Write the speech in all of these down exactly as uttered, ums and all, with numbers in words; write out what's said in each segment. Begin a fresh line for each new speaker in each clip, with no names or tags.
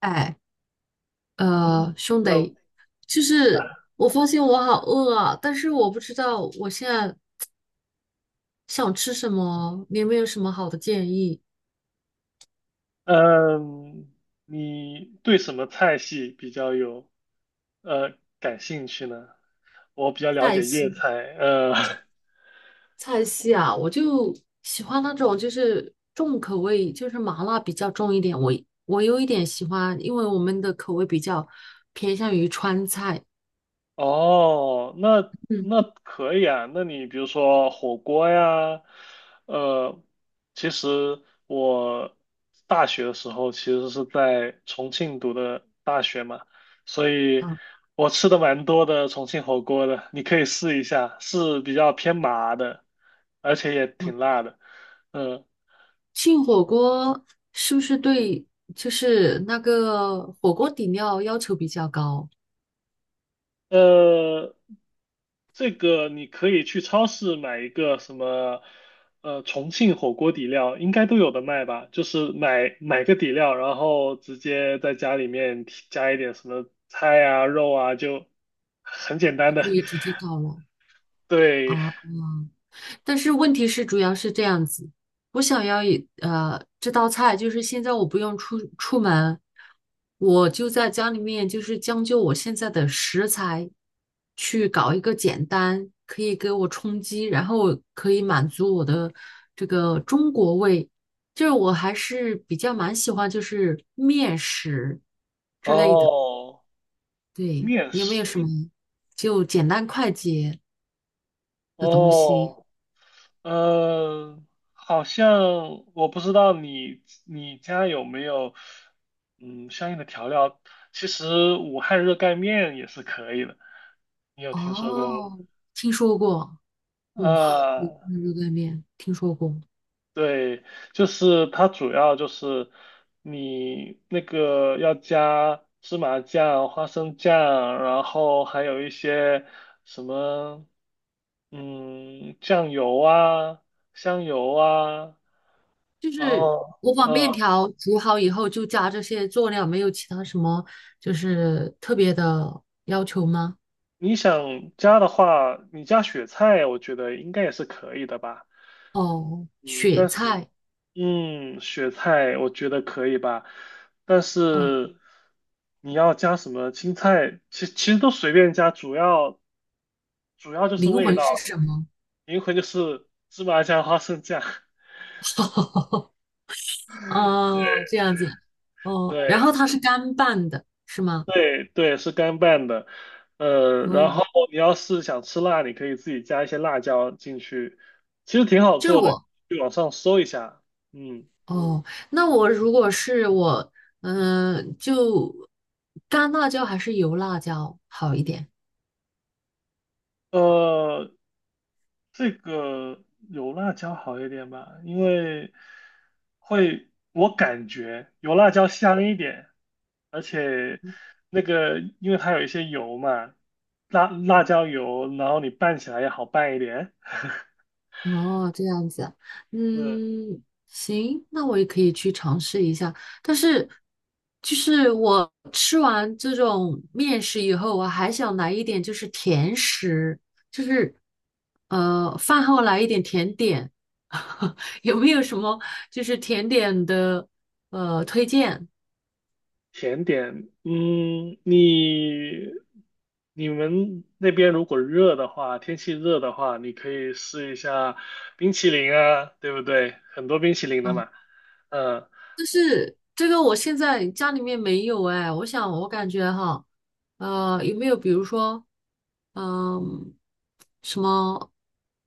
哎，
嗯
呃，兄
，Hello，
弟，就是
啊
我发现我好饿啊，但是我不知道我现在想吃什么，你有没有什么好的建议？
嗯，你对什么菜系比较有呃感兴趣呢？我比较了
菜
解粤
系，
菜，呃，
菜系啊，我就喜欢那种就是重口味，就是麻辣比较重一点。我我有一点喜欢，因为我们的口味比较偏向于川菜。
哦，那
嗯
那可以啊。那你比如说火锅呀，呃，其实我大学的时候其实是在重庆读的大学嘛，所以
嗯
我吃的蛮多的重庆火锅的，你可以试一下，是比较偏麻的，而且也
嗯，
挺辣的。嗯，
庆火锅是不是对就是那个火锅底料要求比较高？
呃，这个你可以去超市买一个什么，呃，重庆火锅底料，应该都有的卖吧？就是买买个底料，然后直接在家里面提加一点什么菜啊、肉啊，就很简单
就
的。
可 以直接搞了。
对，
哦，但是问题是，主要是这样子，我想要一呃这道菜，就是现在我不用出出门，我就在家里面，就是将就我现在的食材，去搞一个简单，可以给我充饥，然后可以满足我的这个中国胃，就是我还是比较蛮喜欢就是面食，
哦，
对，
面
有没有
食，
什么就简单快捷的东西？
哦，嗯、好像我不知道你你家有没有，嗯，相应的调料。其实武汉热干面也是可以的。你有听说过？
哦，听说过，哇，没
啊，
看过热干面，听说过。
对，就是它主要就是你那个要加芝麻酱、花生酱，然后还有一些什么，嗯，酱油啊、香油啊，
就
然
是
后，
我把面
嗯，
条煮好以后，就加这些佐料，没有其他什么就是特别的要求吗？
你想加的话，你加雪菜，我觉得应该也是可以的吧。
哦，
嗯，
雪
但是，
菜，
嗯，雪菜我觉得可以吧，但
哦，
是你要加什么青菜，其其实都随便加，主要主要就是
灵
味
魂
道，
是什么？
灵魂就是芝麻酱、花生酱，对
哦，这样子，哦，然后
对
它是干拌的，是吗？
对，对，是干拌的，呃，
哦，
然后你要是想吃辣，你可以自己加一些辣椒进去，其实挺好
就是
做的，
我。
去网上搜一下，嗯。
哦，那我如果是我，嗯、就干辣椒还是油辣椒好一点？
呃，这个有辣椒好一点吧，因为会，我感觉有辣椒香一点，而且那个因为它有一些油嘛，辣辣椒油，然后你拌起来也好拌一点。
哦，这样子，
嗯，
嗯，行，那我也可以去尝试一下。但是，就是我吃完这种面食以后，我还想来一点就是甜食，就是呃，饭后来一点甜点，有没有
甜
什么就是甜点的呃推荐？
甜点，嗯，你你们那边如果热的话，天气热的话，你可以试一下冰淇淋啊，对不对？很多冰淇淋的
嗯。
嘛，嗯。
这个我现在家里面没有哎，我想我感觉哈，呃，有没有比如说，嗯、什么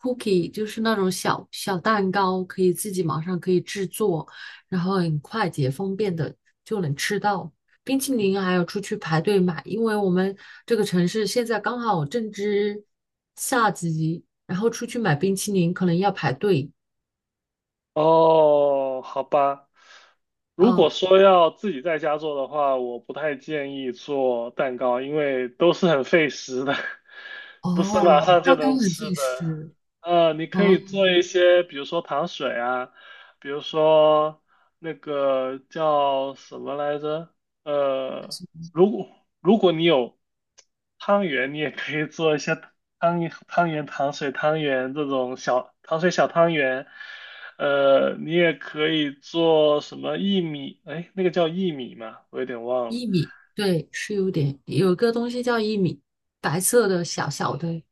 cookie，就是那种小小蛋糕，可以自己马上可以制作，然后很快捷方便的就能吃到。冰淇淋还要出去排队买，因为我们这个城市现在刚好正值夏季，然后出去买冰淇淋可能要排队
哦，好吧。如果
啊。
说要自己在家做的话，我不太建议做蛋糕，因为都是很费时的，不是马
哦，
上就
蛋糕
能
很
吃
费
的。
时
呃，你可
哦。
以做一些，比如说糖水啊，比如说那个叫什么来着？呃，如果如果你有汤圆，你也可以做一些汤汤圆、糖水、汤圆这种小糖水小汤圆。呃，你也可以做什么薏米？哎，那个叫薏米吗？我有点忘了。
薏米，对，是有点，有个东西叫薏米，白色的小小的。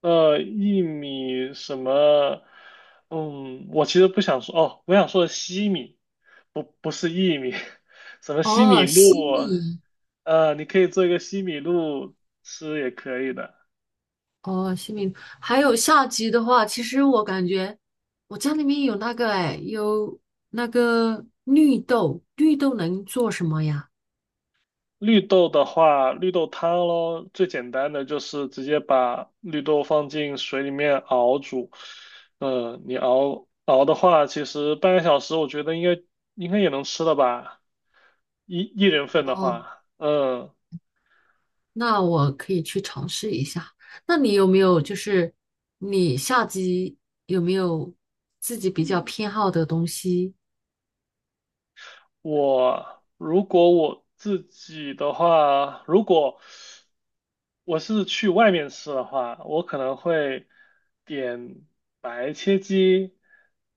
呃，薏米什么？嗯，我其实不想说哦，我想说的西米，不不是薏米，什么西米
哦，西
露？
米，
呃，你可以做一个西米露吃也可以的。
哦，西米，还有下集的话，其实我感觉我家里面有那个，哎，有那个绿豆，绿豆能做什么呀？
绿豆的话，绿豆汤咯，最简单的就是直接把绿豆放进水里面熬煮。嗯、你熬熬的话，其实半个小时，我觉得应该应该也能吃了吧，一一人份的
哦，
话，嗯。
那我可以去尝试一下。那你有没有就是你下集有没有自己比较偏好的东西？
我如果我自己的话，如果我是去外面吃的话，我可能会点白切鸡，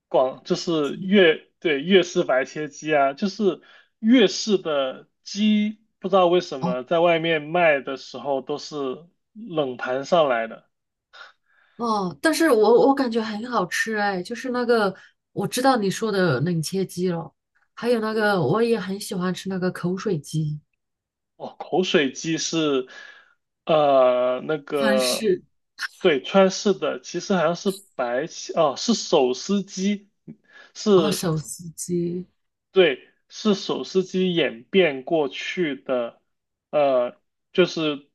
广就是粤，对，粤式白切鸡啊，就是粤式的鸡，不知道为什
哦，
么在外面卖的时候都是冷盘上来的。
哦，但是我我感觉很好吃哎，就是那个我知道你说的冷切鸡了，还有那个我也很喜欢吃那个口水鸡、
哦，口水鸡是，呃，那
川
个，
式
对，川式的，其实好像是白起，哦，是手撕鸡，
哦
是，
手撕鸡
对，是手撕鸡演变过去的，呃，就是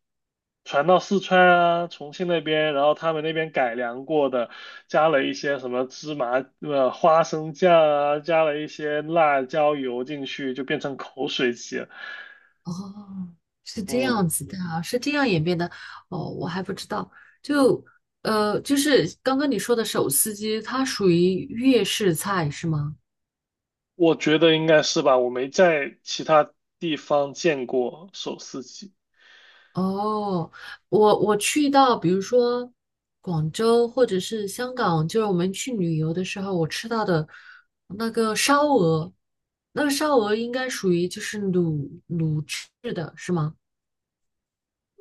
传到四川啊、重庆那边，然后他们那边改良过的，加了一些什么芝麻、呃花生酱啊，加了一些辣椒油进去，就变成口水鸡了，
哦，是这
嗯。
样子的啊是这样演变的哦，我还不知道，就呃就是刚刚你说的手撕鸡，它属于粤式菜是吗？
我觉得应该是吧，我没在其他地方见过手撕鸡。
哦，我我去到比如说广州或者是香港，就是我们去旅游的时候，我吃到的那个烧鹅，那个烧鹅应该属于就是卤卤制的，是吗？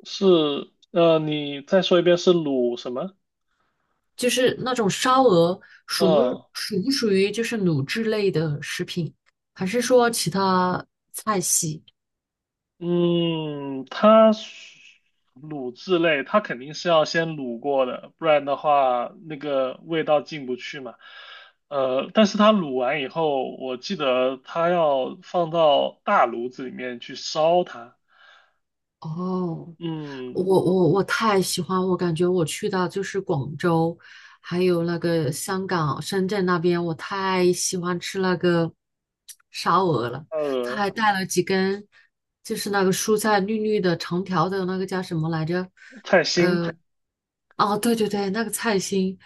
是，呃，你再说一遍是卤什么？
就是那种烧鹅属不
嗯
属不属于就是卤制类的食品，还是说其他菜系？
嗯，它是卤制类，它肯定是要先卤过的，不然的话那个味道进不去嘛。呃，但是它卤完以后，我记得它要放到大炉子里面去烧它。
哦，
嗯，
我我我太喜欢，我感觉我去到就是广州，还有那个香港、深圳那边，我太喜欢吃那个烧鹅了。他
呃，
还带了几根，就是那个蔬菜绿绿的、长条的那个叫什么来着？
菜心。
哦，对对对，那个菜心，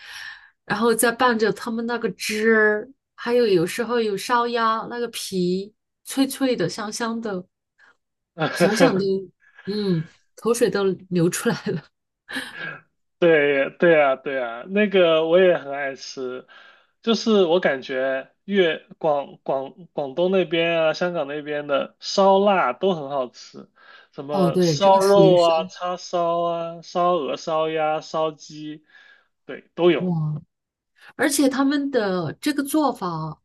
然后再拌着他们那个汁儿，还有有时候有烧鸭那个皮，脆脆的、香香的，想想都，嗯，口水都流出来了。
对对啊，对啊，那个我也很爱吃，就是我感觉粤广广广东那边啊，香港那边的烧腊都很好吃，什
哦，
么
对，这
烧
个属于
肉
烧
啊、叉烧啊、烧鹅、烧鸭、烧鸡，对，都有。
哇，而且他们的这个做法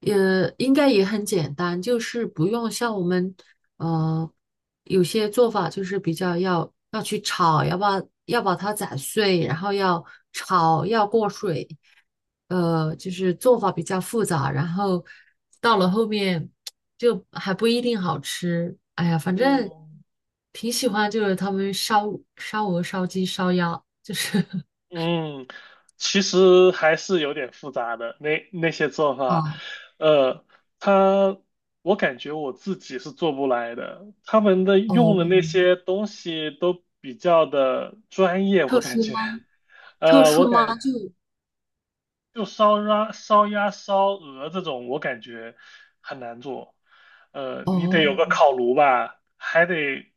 也应该也很简单，就是不用像我们呃有些做法就是比较要要去炒，要把要把它砸碎，然后要炒，要过水，呃，就是做法比较复杂，然后到了后面就还不一定好吃。哎呀，反正
嗯，
挺喜欢，就是他们烧烧鹅、烧鸡、烧鸭，就是
嗯，其实还是有点复杂的，那那些做法，
啊，
呃，他，我感觉我自己是做不来的，他们的用的那
哦，
些东西都比较的专业，我
特
感
殊
觉，
吗？特
呃，
殊
我感
吗？就
就烧鸭、烧鸭、烧鹅这种，我感觉很难做。呃，你
哦
得有个烤炉吧，还得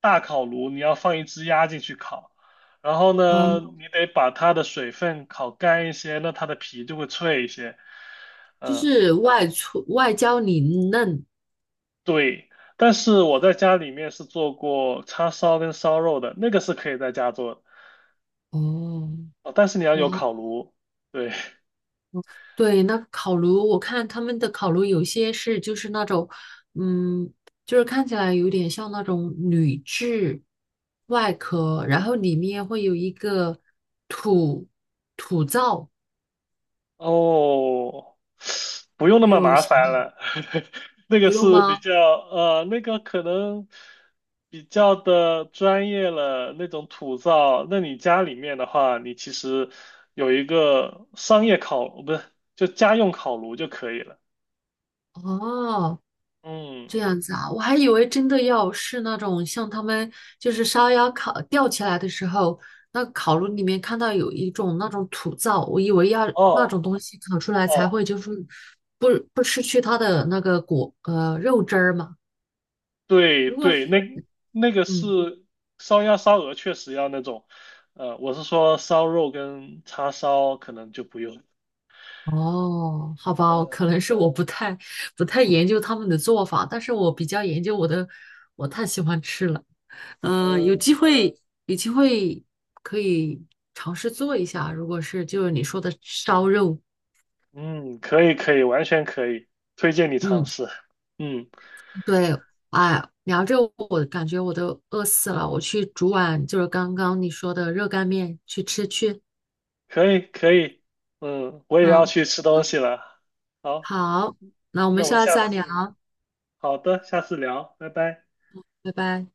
大烤炉，你要放一只鸭进去烤。然后
哦，
呢，你得把它的水分烤干一些，那它的皮就会脆一些。
就
嗯，
是外粗外焦里嫩。
对。但是我在家里面是做过叉烧跟烧肉的，那个是可以在家做的，
哦，
哦，但是你要
哇，
有烤炉。对，
对，那烤炉，我看他们的烤炉有些是就是那种，嗯，就是看起来有点像那种铝制外壳，然后里面会有一个土土灶，
哦，不
你
用
有
那
没
么
有
麻
想到？
烦了，那个
不用
是比
吗？
较呃，那个可能比较的专业了，那种土灶。那你家里面的话，你其实有一个商业烤，不是，就家用烤炉就可以了。
哦，
嗯，
这样子啊，我还以为真的要是那种像他们就是烧鸭烤吊起来的时候，那烤炉里面看到有一种那种土灶，我以为要那
哦
种东西烤出来才
哦，
会就是不不失去它的那个果呃肉汁儿嘛。
对
如果
对，
是
那那个
嗯
是烧鸭、烧鹅，确实要那种，呃，我是说烧肉跟叉烧可能就不用。
哦，好吧，可
嗯
能是我不太不太研究他们的做法，但是我比较研究我的，我太喜欢吃了。嗯、呃有机
嗯。
会，有机会可以尝试做一下。如果是就是你说的烧肉，
嗯，可以可以，完全可以，推荐你尝
嗯，
试。嗯，
对，哎，聊着我感觉我都饿死了，我去煮碗就是刚刚你说的热干面去吃去。
可以可以，嗯，我也要
嗯，
去吃东西了。好，
好，那我们
那我们
下次
下
再
次，
聊，
好的，下次聊，拜拜。
拜拜。